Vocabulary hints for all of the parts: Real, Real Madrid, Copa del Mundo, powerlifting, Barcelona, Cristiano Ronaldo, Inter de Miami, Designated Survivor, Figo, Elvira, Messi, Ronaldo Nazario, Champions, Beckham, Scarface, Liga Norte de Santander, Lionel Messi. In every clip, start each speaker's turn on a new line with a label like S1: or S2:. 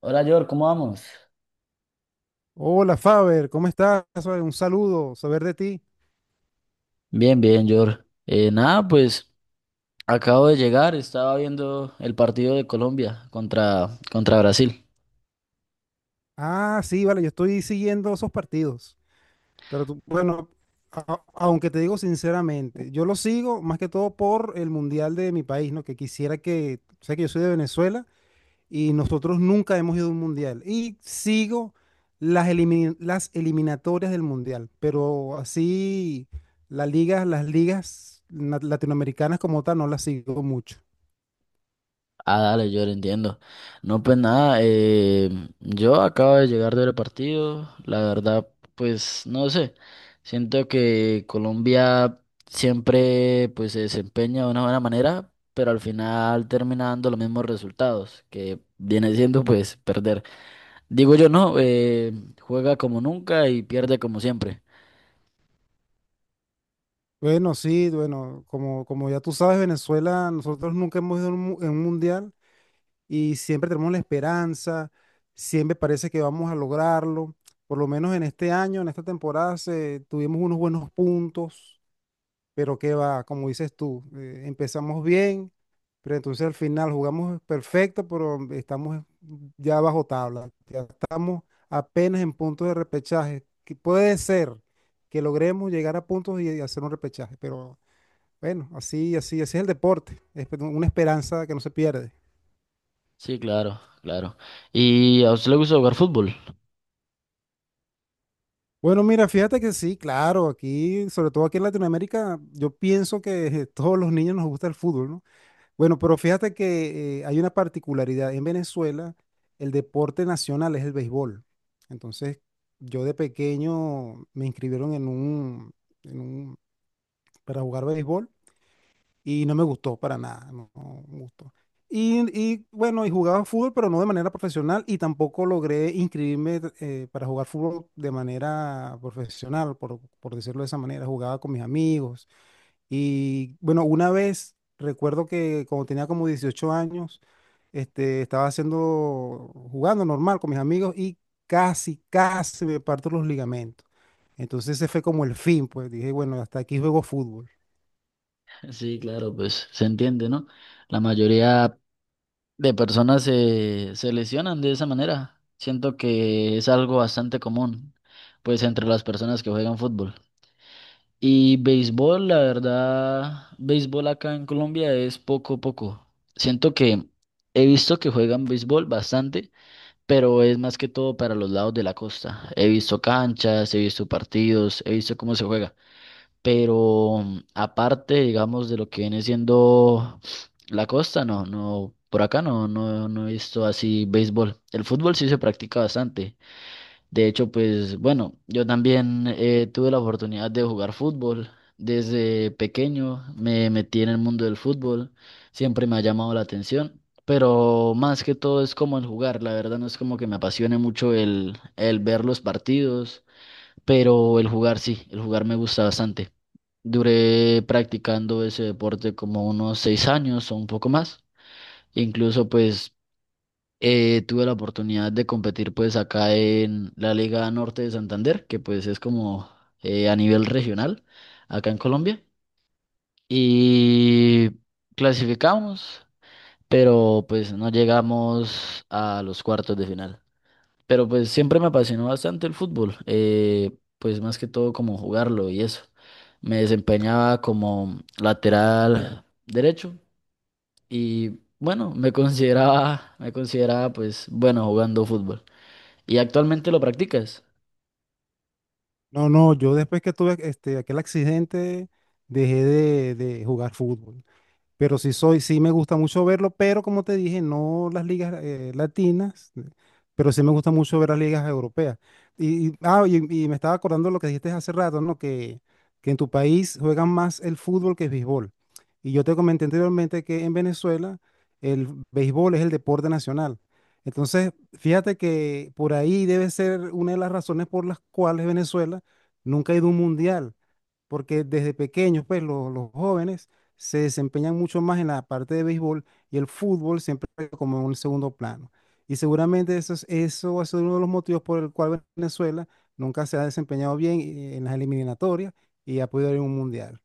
S1: Hola, George, ¿cómo vamos?
S2: Hola Faber, ¿cómo estás? ¿Faber? Un saludo, saber de ti.
S1: Bien, bien, Jor. Nada, pues acabo de llegar, estaba viendo el partido de Colombia contra Brasil.
S2: Ah, sí, vale, yo estoy siguiendo esos partidos, bueno, aunque te digo sinceramente, yo lo sigo más que todo por el Mundial de mi país, ¿no? Que quisiera que, sé que yo soy de Venezuela y nosotros nunca hemos ido a un Mundial y sigo las eliminatorias del Mundial, pero así las ligas, latinoamericanas como tal no las sigo mucho.
S1: Ah, dale, Jor, entiendo. No, pues nada, yo acabo de llegar del partido, la verdad, pues no sé, siento que Colombia siempre pues se desempeña de una buena manera, pero al final termina dando los mismos resultados, que viene siendo pues perder. Digo yo, no, juega como nunca y pierde como siempre.
S2: Bueno, sí, bueno, como ya tú sabes, Venezuela, nosotros nunca hemos ido en un mundial y siempre tenemos la esperanza, siempre parece que vamos a lograrlo. Por lo menos en este año, en esta temporada, tuvimos unos buenos puntos, pero qué va, como dices tú, empezamos bien, pero entonces al final jugamos perfecto, pero estamos ya bajo tabla, ya estamos apenas en puntos de repechaje, que puede ser que logremos llegar a puntos y hacer un repechaje, pero. Bueno, así, así, así es el deporte. Es una esperanza que no se pierde.
S1: Sí, claro, claro. ¿Y a usted le gusta jugar fútbol?
S2: Bueno, mira, fíjate que sí, claro, aquí, sobre todo aquí en Latinoamérica, yo pienso que todos los niños nos gusta el fútbol, ¿no? Bueno, pero fíjate que hay una particularidad. En Venezuela, el deporte nacional es el béisbol. Entonces, yo de pequeño me inscribieron en un, para jugar béisbol. Y no me gustó para nada, no, no me gustó. Bueno, y jugaba fútbol, pero no de manera profesional y tampoco logré inscribirme para jugar fútbol de manera profesional, por decirlo de esa manera. Jugaba con mis amigos y bueno, una vez recuerdo que cuando tenía como 18 años, estaba haciendo, jugando normal con mis amigos y casi, casi me parto los ligamentos. Entonces ese fue como el fin, pues dije, bueno, hasta aquí juego fútbol.
S1: Sí, claro, pues se entiende, ¿no? La mayoría de personas se lesionan de esa manera. Siento que es algo bastante común, pues entre las personas que juegan fútbol. Y béisbol, la verdad, béisbol acá en Colombia es poco, a poco. Siento que he visto que juegan béisbol bastante, pero es más que todo para los lados de la costa. He visto canchas, he visto partidos, he visto cómo se juega, pero aparte, digamos, de lo que viene siendo la costa, por acá no he visto así béisbol. El fútbol sí se practica bastante. De hecho, pues bueno, yo también tuve la oportunidad de jugar fútbol. Desde pequeño me metí en el mundo del fútbol, siempre me ha llamado la atención, pero más que todo es como el jugar. La verdad no es como que me apasione mucho el ver los partidos, pero el jugar sí, el jugar me gusta bastante. Duré practicando ese deporte como unos 6 años o un poco más. Incluso pues tuve la oportunidad de competir pues acá en la Liga Norte de Santander, que pues es como a nivel regional acá en Colombia. Y clasificamos, pero pues no llegamos a los cuartos de final. Pero pues siempre me apasionó bastante el fútbol, pues más que todo como jugarlo y eso. Me desempeñaba como lateral derecho y bueno, me consideraba pues bueno jugando fútbol. ¿Y actualmente lo practicas?
S2: No, no, yo después que tuve aquel accidente, dejé de jugar fútbol. Pero sí soy, sí me gusta mucho verlo, pero como te dije, no las ligas latinas, pero sí me gusta mucho ver las ligas europeas. Y, y- ah, y, y me estaba acordando de lo que dijiste hace rato, ¿no? Que en tu país juegan más el fútbol que el béisbol. Y yo te comenté anteriormente que en Venezuela el béisbol es el deporte nacional. Entonces, fíjate que por ahí debe ser una de las razones por las cuales Venezuela nunca ha ido a un mundial porque desde pequeños, pues los jóvenes se desempeñan mucho más en la parte de béisbol y el fútbol siempre como en un segundo plano. Y seguramente eso es, eso ha sido uno de los motivos por el cual Venezuela nunca se ha desempeñado bien en las eliminatorias y ha podido ir a un mundial.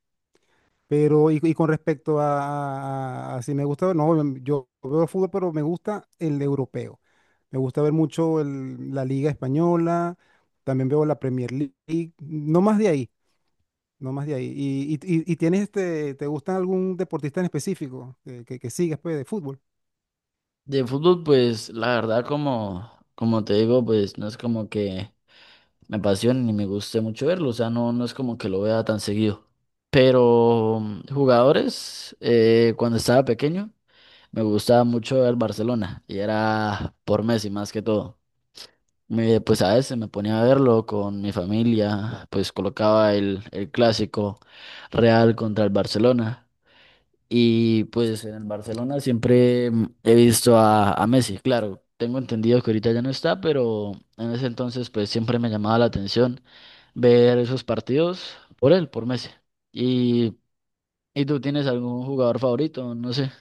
S2: Pero, y con respecto a si me gusta, no, yo veo fútbol, pero me gusta el europeo. Me gusta ver mucho la Liga Española, también veo la Premier League, no más de ahí. No más de ahí. ¿Y tienes te gusta algún deportista en específico que sigas pues, de fútbol?
S1: De fútbol, pues la verdad, como te digo, pues no es como que me apasione ni me guste mucho verlo. O sea, no es como que lo vea tan seguido. Pero jugadores, cuando estaba pequeño, me gustaba mucho el Barcelona y era por Messi más que todo. Pues a veces me ponía a verlo con mi familia, pues colocaba el clásico Real contra el Barcelona. Y pues en el Barcelona siempre he visto a Messi, claro, tengo entendido que ahorita ya no está, pero en ese entonces pues siempre me llamaba la atención ver esos partidos por él, por Messi. ¿Y, y tú tienes algún jugador favorito? No sé.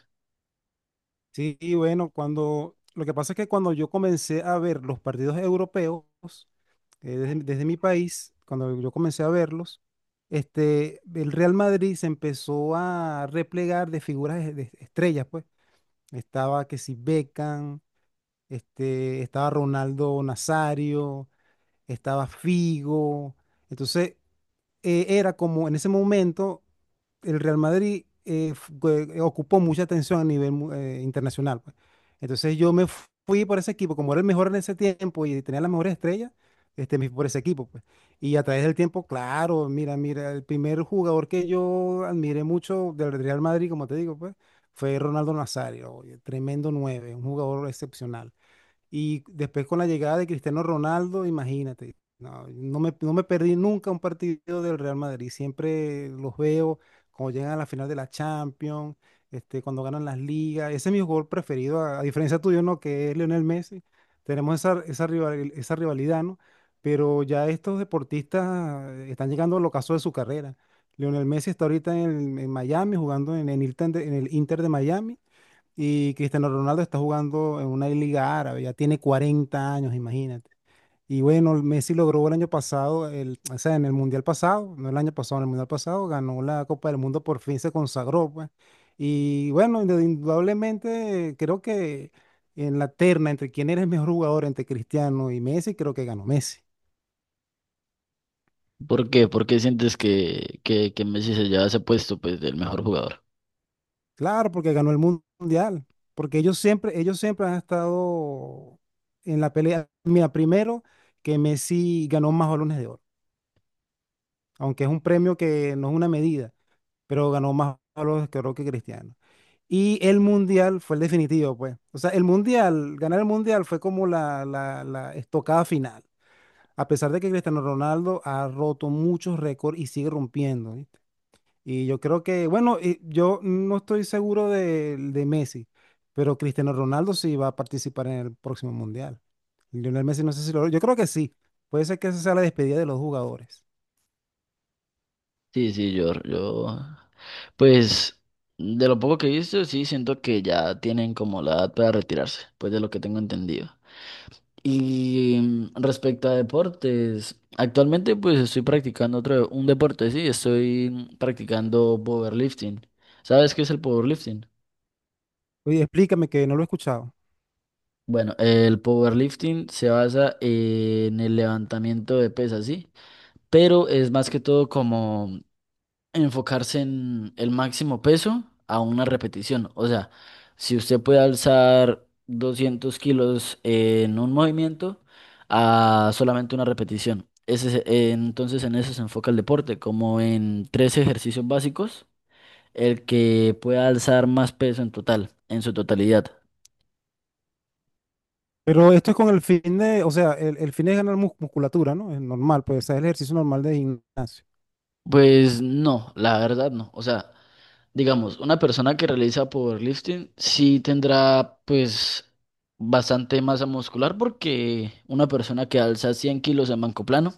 S2: Sí, y bueno, cuando lo que pasa es que cuando yo comencé a ver los partidos europeos desde mi país, cuando yo comencé a verlos, el Real Madrid se empezó a replegar de figuras de estrellas, pues. Estaba que si Beckham, estaba Ronaldo Nazario, estaba Figo. Entonces, era como en ese momento el Real Madrid ocupó mucha atención a nivel internacional, pues. Entonces yo me fui por ese equipo, como era el mejor en ese tiempo y tenía las mejores estrellas, me fui por ese equipo, pues. Y a través del tiempo, claro, mira, el primer jugador que yo admiré mucho del Real Madrid, como te digo, pues, fue Ronaldo Nazario, oye, tremendo nueve, un jugador excepcional. Y después con la llegada de Cristiano Ronaldo, imagínate, no me perdí nunca un partido del Real Madrid. Siempre los veo cuando llegan a la final de la Champions, cuando ganan las ligas. Ese es mi jugador preferido, a diferencia tuyo, ¿no? Que es Lionel Messi. Tenemos esa, esa rivalidad, ¿no? Pero ya estos deportistas están llegando al ocaso de su carrera. Lionel Messi está ahorita en Miami jugando en el Inter de Miami. Y Cristiano Ronaldo está jugando en una liga árabe, ya tiene 40 años, imagínate. Y bueno, Messi logró el año pasado, o sea, en el Mundial pasado, no el año pasado, en el Mundial pasado, ganó la Copa del Mundo, por fin se consagró, pues. Y bueno, indudablemente creo que en la terna entre quién eres mejor jugador, entre Cristiano y Messi, creo que ganó Messi.
S1: ¿Por qué? ¿Por qué sientes que, que Messi se lleva ese puesto pues del mejor jugador?
S2: Claro, porque ganó el Mundial, porque ellos siempre han estado en la pelea. Mira, primero que Messi ganó más balones de oro, aunque es un premio que no es una medida, pero ganó más palos que creo que Cristiano. Y el mundial fue el definitivo, pues. O sea, el mundial, ganar el mundial fue como la estocada final. A pesar de que Cristiano Ronaldo ha roto muchos récords y sigue rompiendo, ¿viste? Y yo creo que, bueno, yo no estoy seguro de Messi, pero Cristiano Ronaldo sí va a participar en el próximo mundial. Lionel Messi no sé si lo. Yo creo que sí. Puede ser que esa sea la despedida de los jugadores.
S1: Sí, sí, pues de lo poco que he visto, sí siento que ya tienen como la edad para retirarse, pues de lo que tengo entendido. Y respecto a deportes, actualmente pues estoy practicando otro, un deporte, sí, estoy practicando powerlifting. ¿Sabes qué es el powerlifting?
S2: Oye, explícame que no lo he escuchado.
S1: Bueno, el powerlifting se basa en el levantamiento de pesas, sí, pero es más que todo como enfocarse en el máximo peso a una repetición. O sea, si usted puede alzar 200 kilos en un movimiento a solamente una repetición. Entonces en eso se enfoca el deporte, como en tres ejercicios básicos, el que pueda alzar más peso en total, en su totalidad.
S2: Pero esto es con el fin de, o sea, el fin es ganar musculatura, ¿no? Es normal, pues, o es el ejercicio normal de gimnasio.
S1: Pues no, la verdad no. O sea, digamos, una persona que realiza powerlifting sí tendrá pues bastante masa muscular, porque una persona que alza 100 kilos en banco plano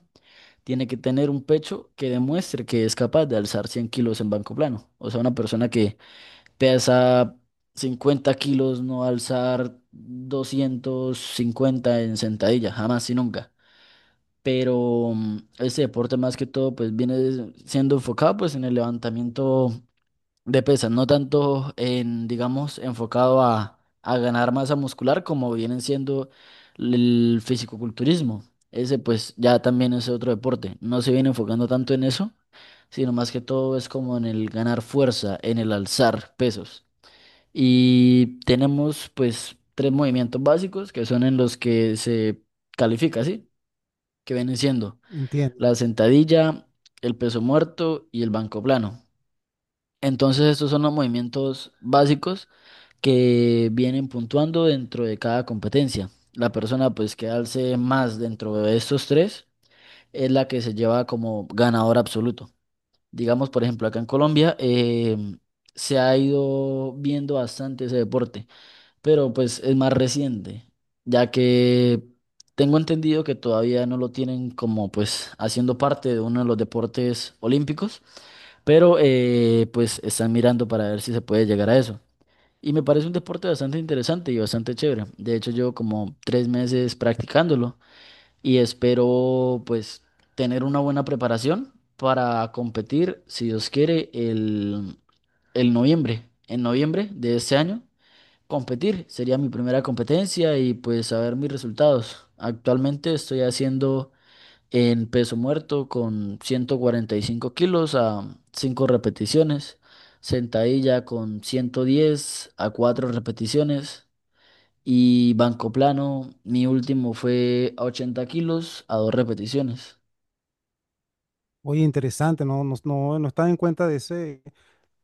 S1: tiene que tener un pecho que demuestre que es capaz de alzar 100 kilos en banco plano. O sea, una persona que pesa 50 kilos no va a alzar 250 en sentadilla, jamás y nunca. Pero este deporte más que todo pues viene siendo enfocado pues en el levantamiento de pesas, no tanto en, digamos, enfocado a ganar masa muscular como vienen siendo el fisicoculturismo. Ese pues ya también es otro deporte. No se viene enfocando tanto en eso, sino más que todo es como en el ganar fuerza, en el alzar pesos. Y tenemos pues tres movimientos básicos que son en los que se califica, ¿sí? Que vienen siendo
S2: Entiendo.
S1: la sentadilla, el peso muerto y el banco plano. Entonces, estos son los movimientos básicos que vienen puntuando dentro de cada competencia. La persona pues que alce más dentro de estos tres es la que se lleva como ganador absoluto. Digamos, por ejemplo, acá en Colombia se ha ido viendo bastante ese deporte, pero pues es más reciente, ya que tengo entendido que todavía no lo tienen como pues haciendo parte de uno de los deportes olímpicos, pero pues están mirando para ver si se puede llegar a eso. Y me parece un deporte bastante interesante y bastante chévere. De hecho, llevo como 3 meses practicándolo y espero pues tener una buena preparación para competir, si Dios quiere, el noviembre. En noviembre de este año, competir sería mi primera competencia y pues saber mis resultados. Actualmente estoy haciendo en peso muerto con 145 kilos a 5 repeticiones, sentadilla con 110 a 4 repeticiones, y banco plano, mi último fue a 80 kilos a 2 repeticiones.
S2: Oye, interesante, no, no, no, no estaba en cuenta de ese,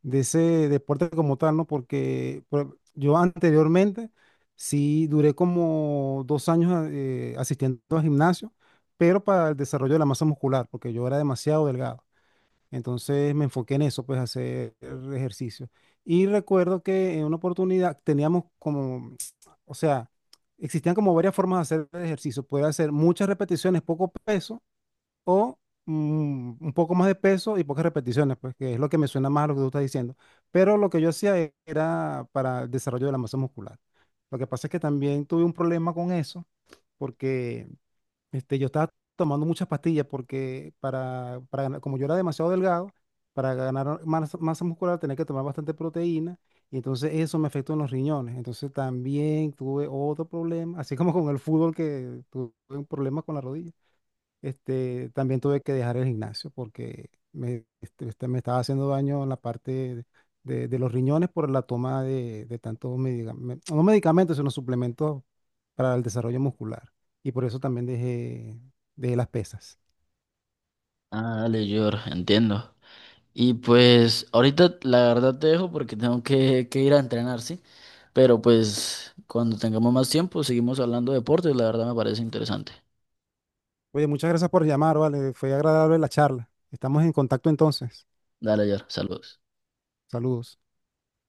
S2: de ese deporte como tal, ¿no? Porque yo anteriormente sí duré como 2 años asistiendo al gimnasio, pero para el desarrollo de la masa muscular, porque yo era demasiado delgado. Entonces me enfoqué en eso, pues hacer ejercicio. Y recuerdo que en una oportunidad teníamos como, o sea, existían como varias formas de hacer el ejercicio. Puede hacer muchas repeticiones, poco peso, o un poco más de peso y pocas repeticiones, pues que es lo que me suena más a lo que tú estás diciendo. Pero lo que yo hacía era para el desarrollo de la masa muscular. Lo que pasa es que también tuve un problema con eso, porque yo estaba tomando muchas pastillas porque como yo era demasiado delgado, para ganar masa muscular tenía que tomar bastante proteína y entonces eso me afectó en los riñones. Entonces también tuve otro problema, así como con el fútbol que tuve un problema con la rodilla. También tuve que dejar el gimnasio porque me estaba haciendo daño en la parte de los riñones por la toma de tantos medicamentos, no medicamentos, sino suplementos para el desarrollo muscular. Y por eso también dejé las pesas.
S1: Ah, dale, George, entiendo. Y pues ahorita la verdad te dejo porque tengo que ir a entrenar, ¿sí? Pero pues cuando tengamos más tiempo seguimos hablando de deportes, la verdad me parece interesante.
S2: Oye, muchas gracias por llamar, vale. Fue agradable la charla. Estamos en contacto entonces.
S1: Dale, George, saludos.
S2: Saludos.